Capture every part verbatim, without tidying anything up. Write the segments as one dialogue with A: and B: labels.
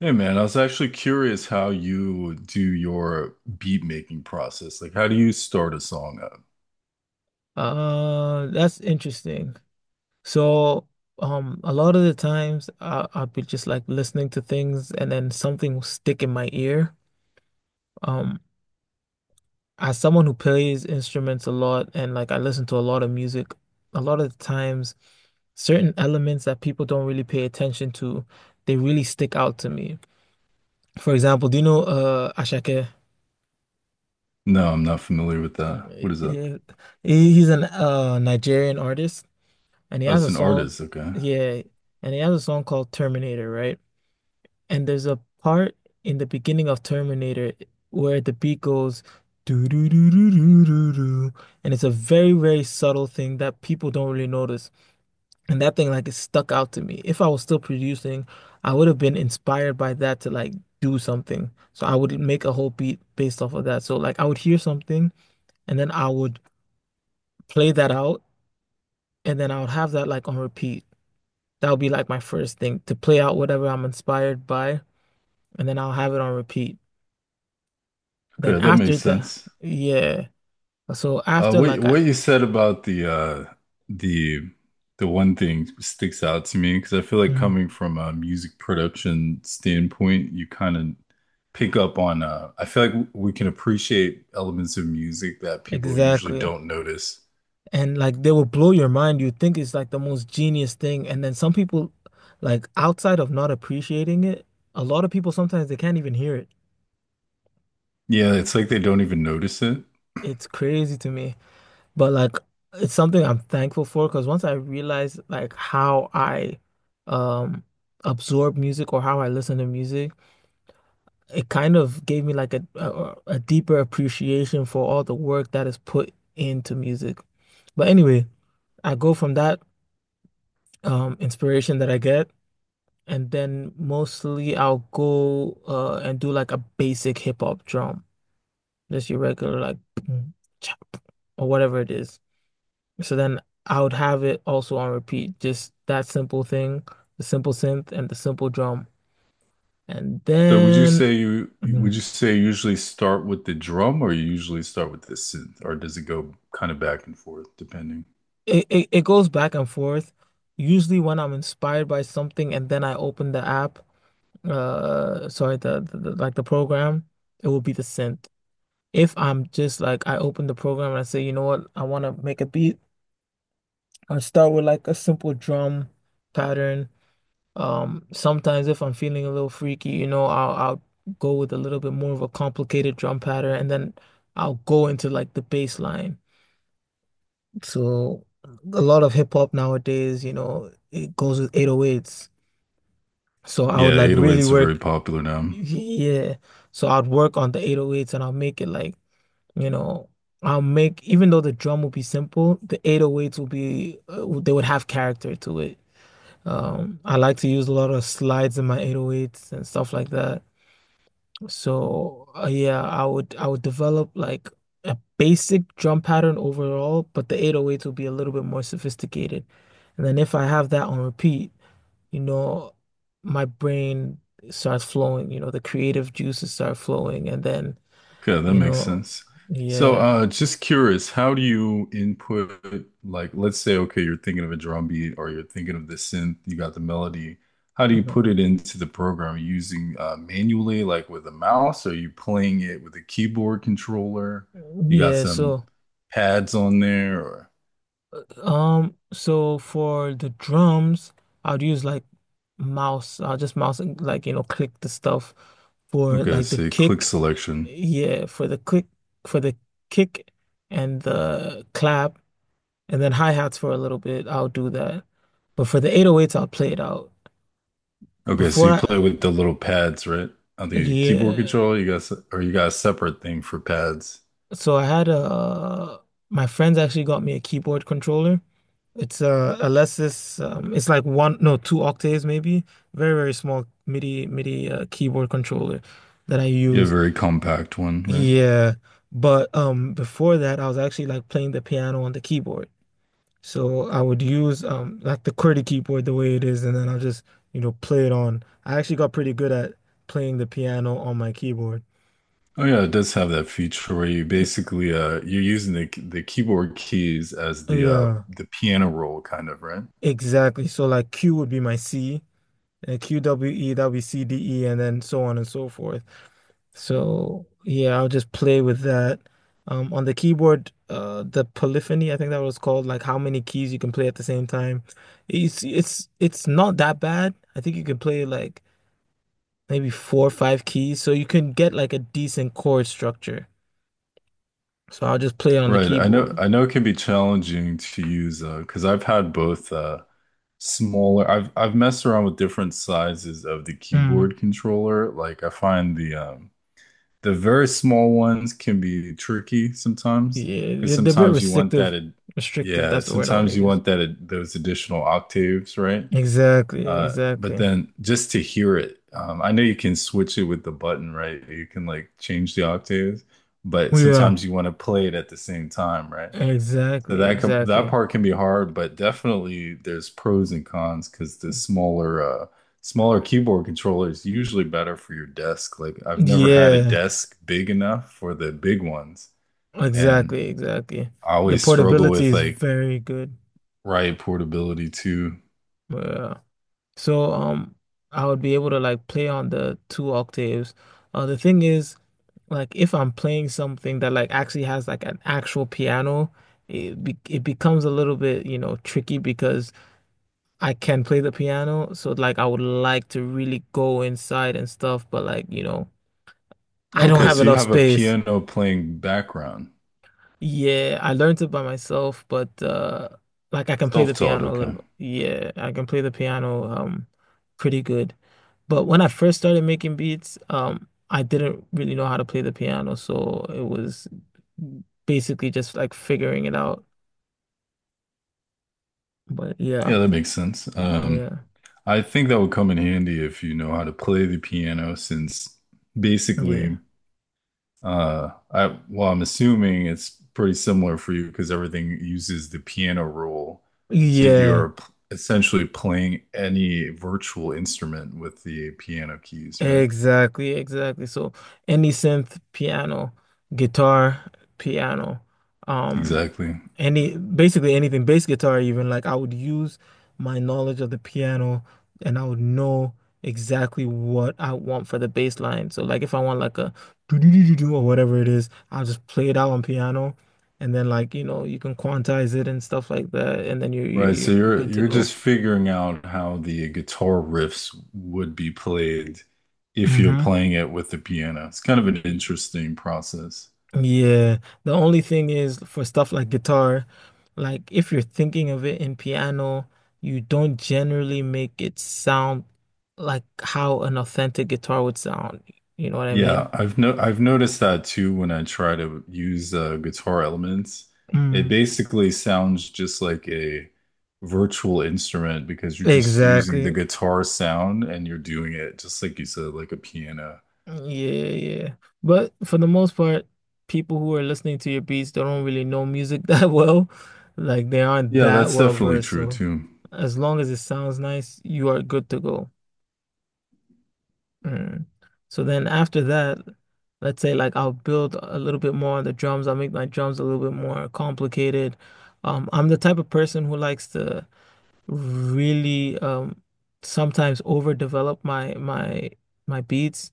A: Hey man, I was actually curious how you do your beat making process. Like, how do you start a song up?
B: Uh, that's interesting. So, um, a lot of the times I I'll be just like listening to things and then something will stick in my ear. Um, as someone who plays instruments a lot and like I listen to a lot of music, a lot of the times certain elements that people don't really pay attention to, they really stick out to me. For example, do you know uh Ashake?
A: No, I'm not familiar with
B: Uh,
A: that. What is that?
B: Yeah, he- He's an uh Nigerian artist. And he
A: Oh,
B: has
A: it's
B: a
A: an
B: song,
A: artist. Okay.
B: yeah, and he has a song called Terminator, right? And there's a part in the beginning of Terminator where the beat goes doo doo doo doo doo doo doo, and it's a very, very subtle thing that people don't really notice. And that thing like it stuck out to me. If I was still producing, I would have been inspired by that to like do something. So I would make a whole beat based off of that. So like I would hear something and then I would play that out and then I would have that like on repeat. That would be like my first thing to play out whatever I'm inspired by, and then I'll have it on repeat. Then
A: Okay, that makes
B: after that,
A: sense.
B: yeah. So
A: Uh,
B: after
A: what
B: like I,
A: what you said about the uh the the one thing sticks out to me because I feel like
B: mhm,
A: coming from a music production standpoint, you kind of pick up on uh I feel like we can appreciate elements of music that people usually
B: exactly.
A: don't notice.
B: And like they will blow your mind. You think it's like the most genius thing. And then some people, like outside of not appreciating it, a lot of people sometimes they can't even hear it.
A: Yeah, it's like they don't even notice it.
B: It's crazy to me. But like it's something I'm thankful for because once I realized like how I um absorb music or how I listen to music, it kind of gave me like a, a a deeper appreciation for all the work that is put into music. But anyway, I go from that um inspiration that I get, and then mostly I'll go uh and do like a basic hip hop drum, just your regular like boom, chop, or whatever it is. So then I would have it also on repeat, just that simple thing, the simple synth and the simple drum, and
A: So would you
B: then.
A: say you
B: Mm-hmm.
A: would you say you usually start with the drum or you usually start with the synth, or does it go kind of back and forth depending?
B: It, it it goes back and forth. Usually when I'm inspired by something and then I open the app, uh, sorry, the, the, the like the program, it will be the synth. If I'm just like I open the program and I say, you know what, I want to make a beat, I start with like a simple drum pattern. Um, sometimes if I'm feeling a little freaky, you know, I'll I'll go with a little bit more of a complicated drum pattern and then I'll go into like the bass line. So a lot of hip hop nowadays, you know, it goes with eight oh eights. So I would
A: Yeah,
B: like really
A: eight oh eights are very
B: work,
A: popular now.
B: yeah. So I'd work on the eight oh eights and I'll make it like, you know, I'll make even though the drum will be simple, the eight oh eights will be uh, they would have character to it. Um, I like to use a lot of slides in my eight oh eights and stuff like that. So uh, yeah, I would I would develop like a basic drum pattern overall, but the eight oh eights will be a little bit more sophisticated. And then if I have that on repeat, you know, my brain starts flowing, you know, the creative juices start flowing and then,
A: Okay, that
B: you
A: makes
B: know,
A: sense. So
B: yeah.
A: uh just curious, how do you input, like, let's say okay, you're thinking of a drum beat or you're thinking of the synth, you got the melody. How do you
B: Mhm.
A: put it into the program? Are you using uh, manually, like with a mouse? Are you playing it with a keyboard controller? You got
B: Yeah,
A: some
B: so
A: pads on there or—
B: Um, so for the drums, I'd use like mouse. I'll just mouse and like, you know, click the stuff for
A: Okay,
B: like the
A: so you click
B: kick.
A: selection.
B: Yeah, for the click for the kick and the clap and then hi-hats for a little bit. I'll do that. But for the eight oh eights, I'll play it out.
A: Okay, so
B: Before
A: you
B: I,
A: play with the little pads, right? On the keyboard
B: yeah.
A: controller, you got se- or you got a separate thing for pads.
B: So I had a my friends actually got me a keyboard controller. It's a Alesis. Um, it's like one, no, two octaves maybe. Very, very small M I D I M I D I uh, keyboard controller that I
A: You have a
B: use.
A: very compact one, right?
B: Yeah, but um, before that, I was actually like playing the piano on the keyboard. So I would use um like the QWERTY keyboard the way it is, and then I'll just you know play it on. I actually got pretty good at playing the piano on my keyboard.
A: Oh yeah, it does have that feature where you basically uh you're using the the keyboard keys as
B: Uh,
A: the uh
B: Yeah,
A: the piano roll kind of, right?
B: exactly. So like Q would be my C. And Q W E, that would be C D E, and then so on and so forth. So yeah, I'll just play with that. Um, on the keyboard, uh, the polyphony, I think that was called, like how many keys you can play at the same time. It's it's it's not that bad. I think you can play like maybe four or five keys, so you can get like a decent chord structure. So I'll just play it on the
A: Right. I know
B: keyboard.
A: I know it can be challenging to use uh because I've had both uh smaller I've I've messed around with different sizes of the
B: Mm.
A: keyboard controller. Like I find the um the very small ones can be tricky sometimes
B: Yeah,
A: because
B: they're they're a bit
A: sometimes you want that,
B: restrictive.
A: ad-
B: Restrictive,
A: yeah,
B: that's the word I want
A: sometimes
B: to
A: you
B: use.
A: want that ad- those additional octaves, right?
B: Exactly,
A: Uh, but
B: exactly.
A: then just to hear it, um, I know you can switch it with the button, right? You can like change the octaves, but
B: Yeah.
A: sometimes you want to play it at the same time, right? So
B: Exactly,
A: that com that
B: exactly.
A: part can be hard, but definitely there's pros and cons, because the smaller uh smaller keyboard controller is usually better for your desk. Like I've never had a
B: Yeah,
A: desk big enough for the big ones, and
B: exactly, exactly.
A: I
B: The
A: always struggle
B: portability
A: with
B: is
A: like—
B: very good.
A: right, portability too.
B: Yeah. So um I would be able to like play on the two octaves. Uh, the thing is like if I'm playing something that like actually has like an actual piano, it be it becomes a little bit, you know, tricky because I can play the piano, so like I would like to really go inside and stuff, but like, you know, I don't
A: Okay,
B: have
A: so you
B: enough
A: have a
B: space.
A: piano playing background.
B: Yeah, I learned it by myself, but uh like I can play the
A: Self-taught,
B: piano a little
A: okay.
B: bit. Yeah, I can play the piano um pretty good. But when I first started making beats, um I didn't really know how to play the piano, so it was basically just like figuring it out. But yeah.
A: Yeah, that makes sense.
B: Oh,
A: Um,
B: yeah.
A: I think that would come in handy if you know how to play the piano, since
B: Yeah.
A: basically— Uh, I, well, I'm assuming it's pretty similar for you because everything uses the piano rule. So
B: Yeah.
A: you're p- essentially playing any virtual instrument with the piano keys, right?
B: Exactly, exactly. So any synth, piano, guitar, piano, um,
A: Exactly.
B: any basically anything, bass guitar even, like I would use my knowledge of the piano and I would know exactly what I want for the bass line. So like if I want like a do-do-do-do-do or whatever it is, I'll just play it out on piano and then like, you know, you can quantize it and stuff like that, and then you're you're
A: Right, so
B: you're you're
A: you're
B: good to
A: you're
B: go.
A: just figuring out how the guitar riffs would be played if you're
B: Mm-hmm.
A: playing it with the piano. It's kind of an interesting process.
B: Yeah, the only thing is for stuff like guitar, like if you're thinking of it in piano, you don't generally make it sound like how an authentic guitar would sound. You know what I mean?
A: Yeah, I've no I've noticed that too when I try to use uh, guitar elements. It
B: Mm.
A: basically sounds just like a virtual instrument because you're just using the
B: Exactly.
A: guitar sound and you're doing it just like you said, like a piano.
B: Yeah, yeah. But for the most part, people who are listening to your beats, they don't really know music that well. Like they aren't
A: Yeah,
B: that
A: that's
B: well
A: definitely
B: versed.
A: true
B: So
A: too.
B: as long as it sounds nice, you are good to go. Mm. So then after that, let's say like I'll build a little bit more on the drums. I'll make my drums a little bit more complicated. Um, I'm the type of person who likes to really um sometimes overdevelop my my my beats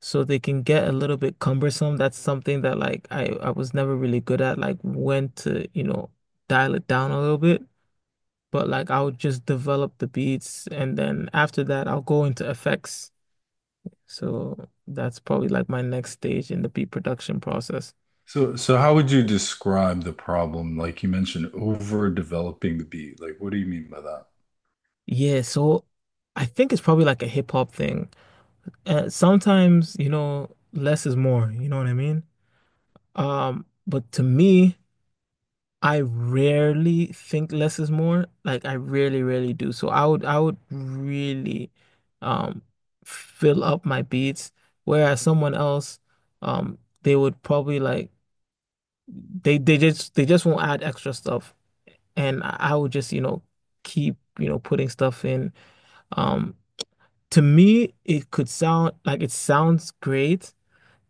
B: so they can get a little bit cumbersome. That's something that like I I was never really good at, like when to, you know, dial it down a little bit. But like I'll just develop the beats and then after that I'll go into effects. So that's probably like my next stage in the beat production process.
A: So so how would you describe the problem? Like you mentioned, overdeveloping the beat. Like what do you mean by that?
B: Yeah, so I think it's probably like a hip hop thing. Uh, sometimes, you know, less is more, you know what I mean? Um, but to me, I rarely think less is more. Like I really, really do. So I would I would really um fill up my beats, whereas someone else, um, they would probably like they they just they just won't add extra stuff. And I I would just, you know, keep, you know, putting stuff in. Um, to me, it could sound like it sounds great,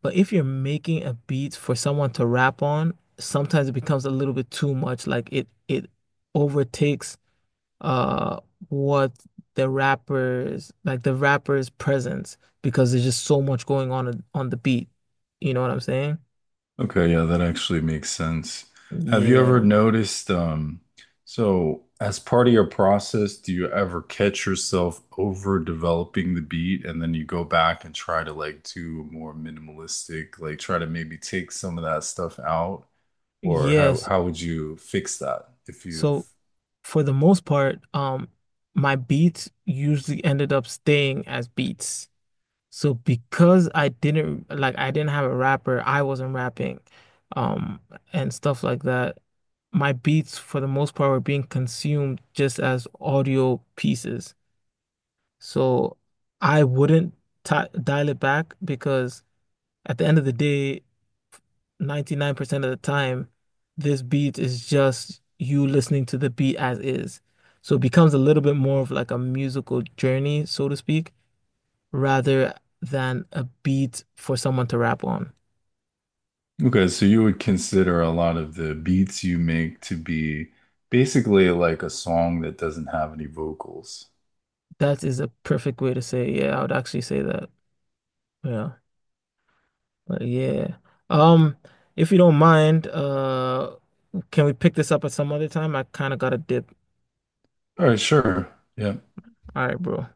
B: but if you're making a beat for someone to rap on, sometimes it becomes a little bit too much. Like it it overtakes uh what the rappers like the rapper's presence because there's just so much going on on the beat. You know what I'm saying?
A: Okay, yeah, that actually makes sense. Have you ever
B: Yeah.
A: noticed, um, so as part of your process, do you ever catch yourself over developing the beat and then you go back and try to like do more minimalistic, like try to maybe take some of that stuff out? Or how
B: Yes,
A: how would you fix that if you've—
B: so for the most part, um, my beats usually ended up staying as beats. So because I didn't like I didn't have a rapper, I wasn't rapping, um, and stuff like that. My beats for the most part were being consumed just as audio pieces. So I wouldn't ti dial it back because at the end of the day, ninety-nine percent of the time, this beat is just you listening to the beat as is. So it becomes a little bit more of like a musical journey, so to speak, rather than a beat for someone to rap on.
A: Okay, so you would consider a lot of the beats you make to be basically like a song that doesn't have any vocals.
B: That is a perfect way to say, it. Yeah, I would actually say that. Yeah. But yeah. Um, if you don't mind, uh, can we pick this up at some other time? I kind of got a dip.
A: All right, sure. Yeah.
B: All right, bro.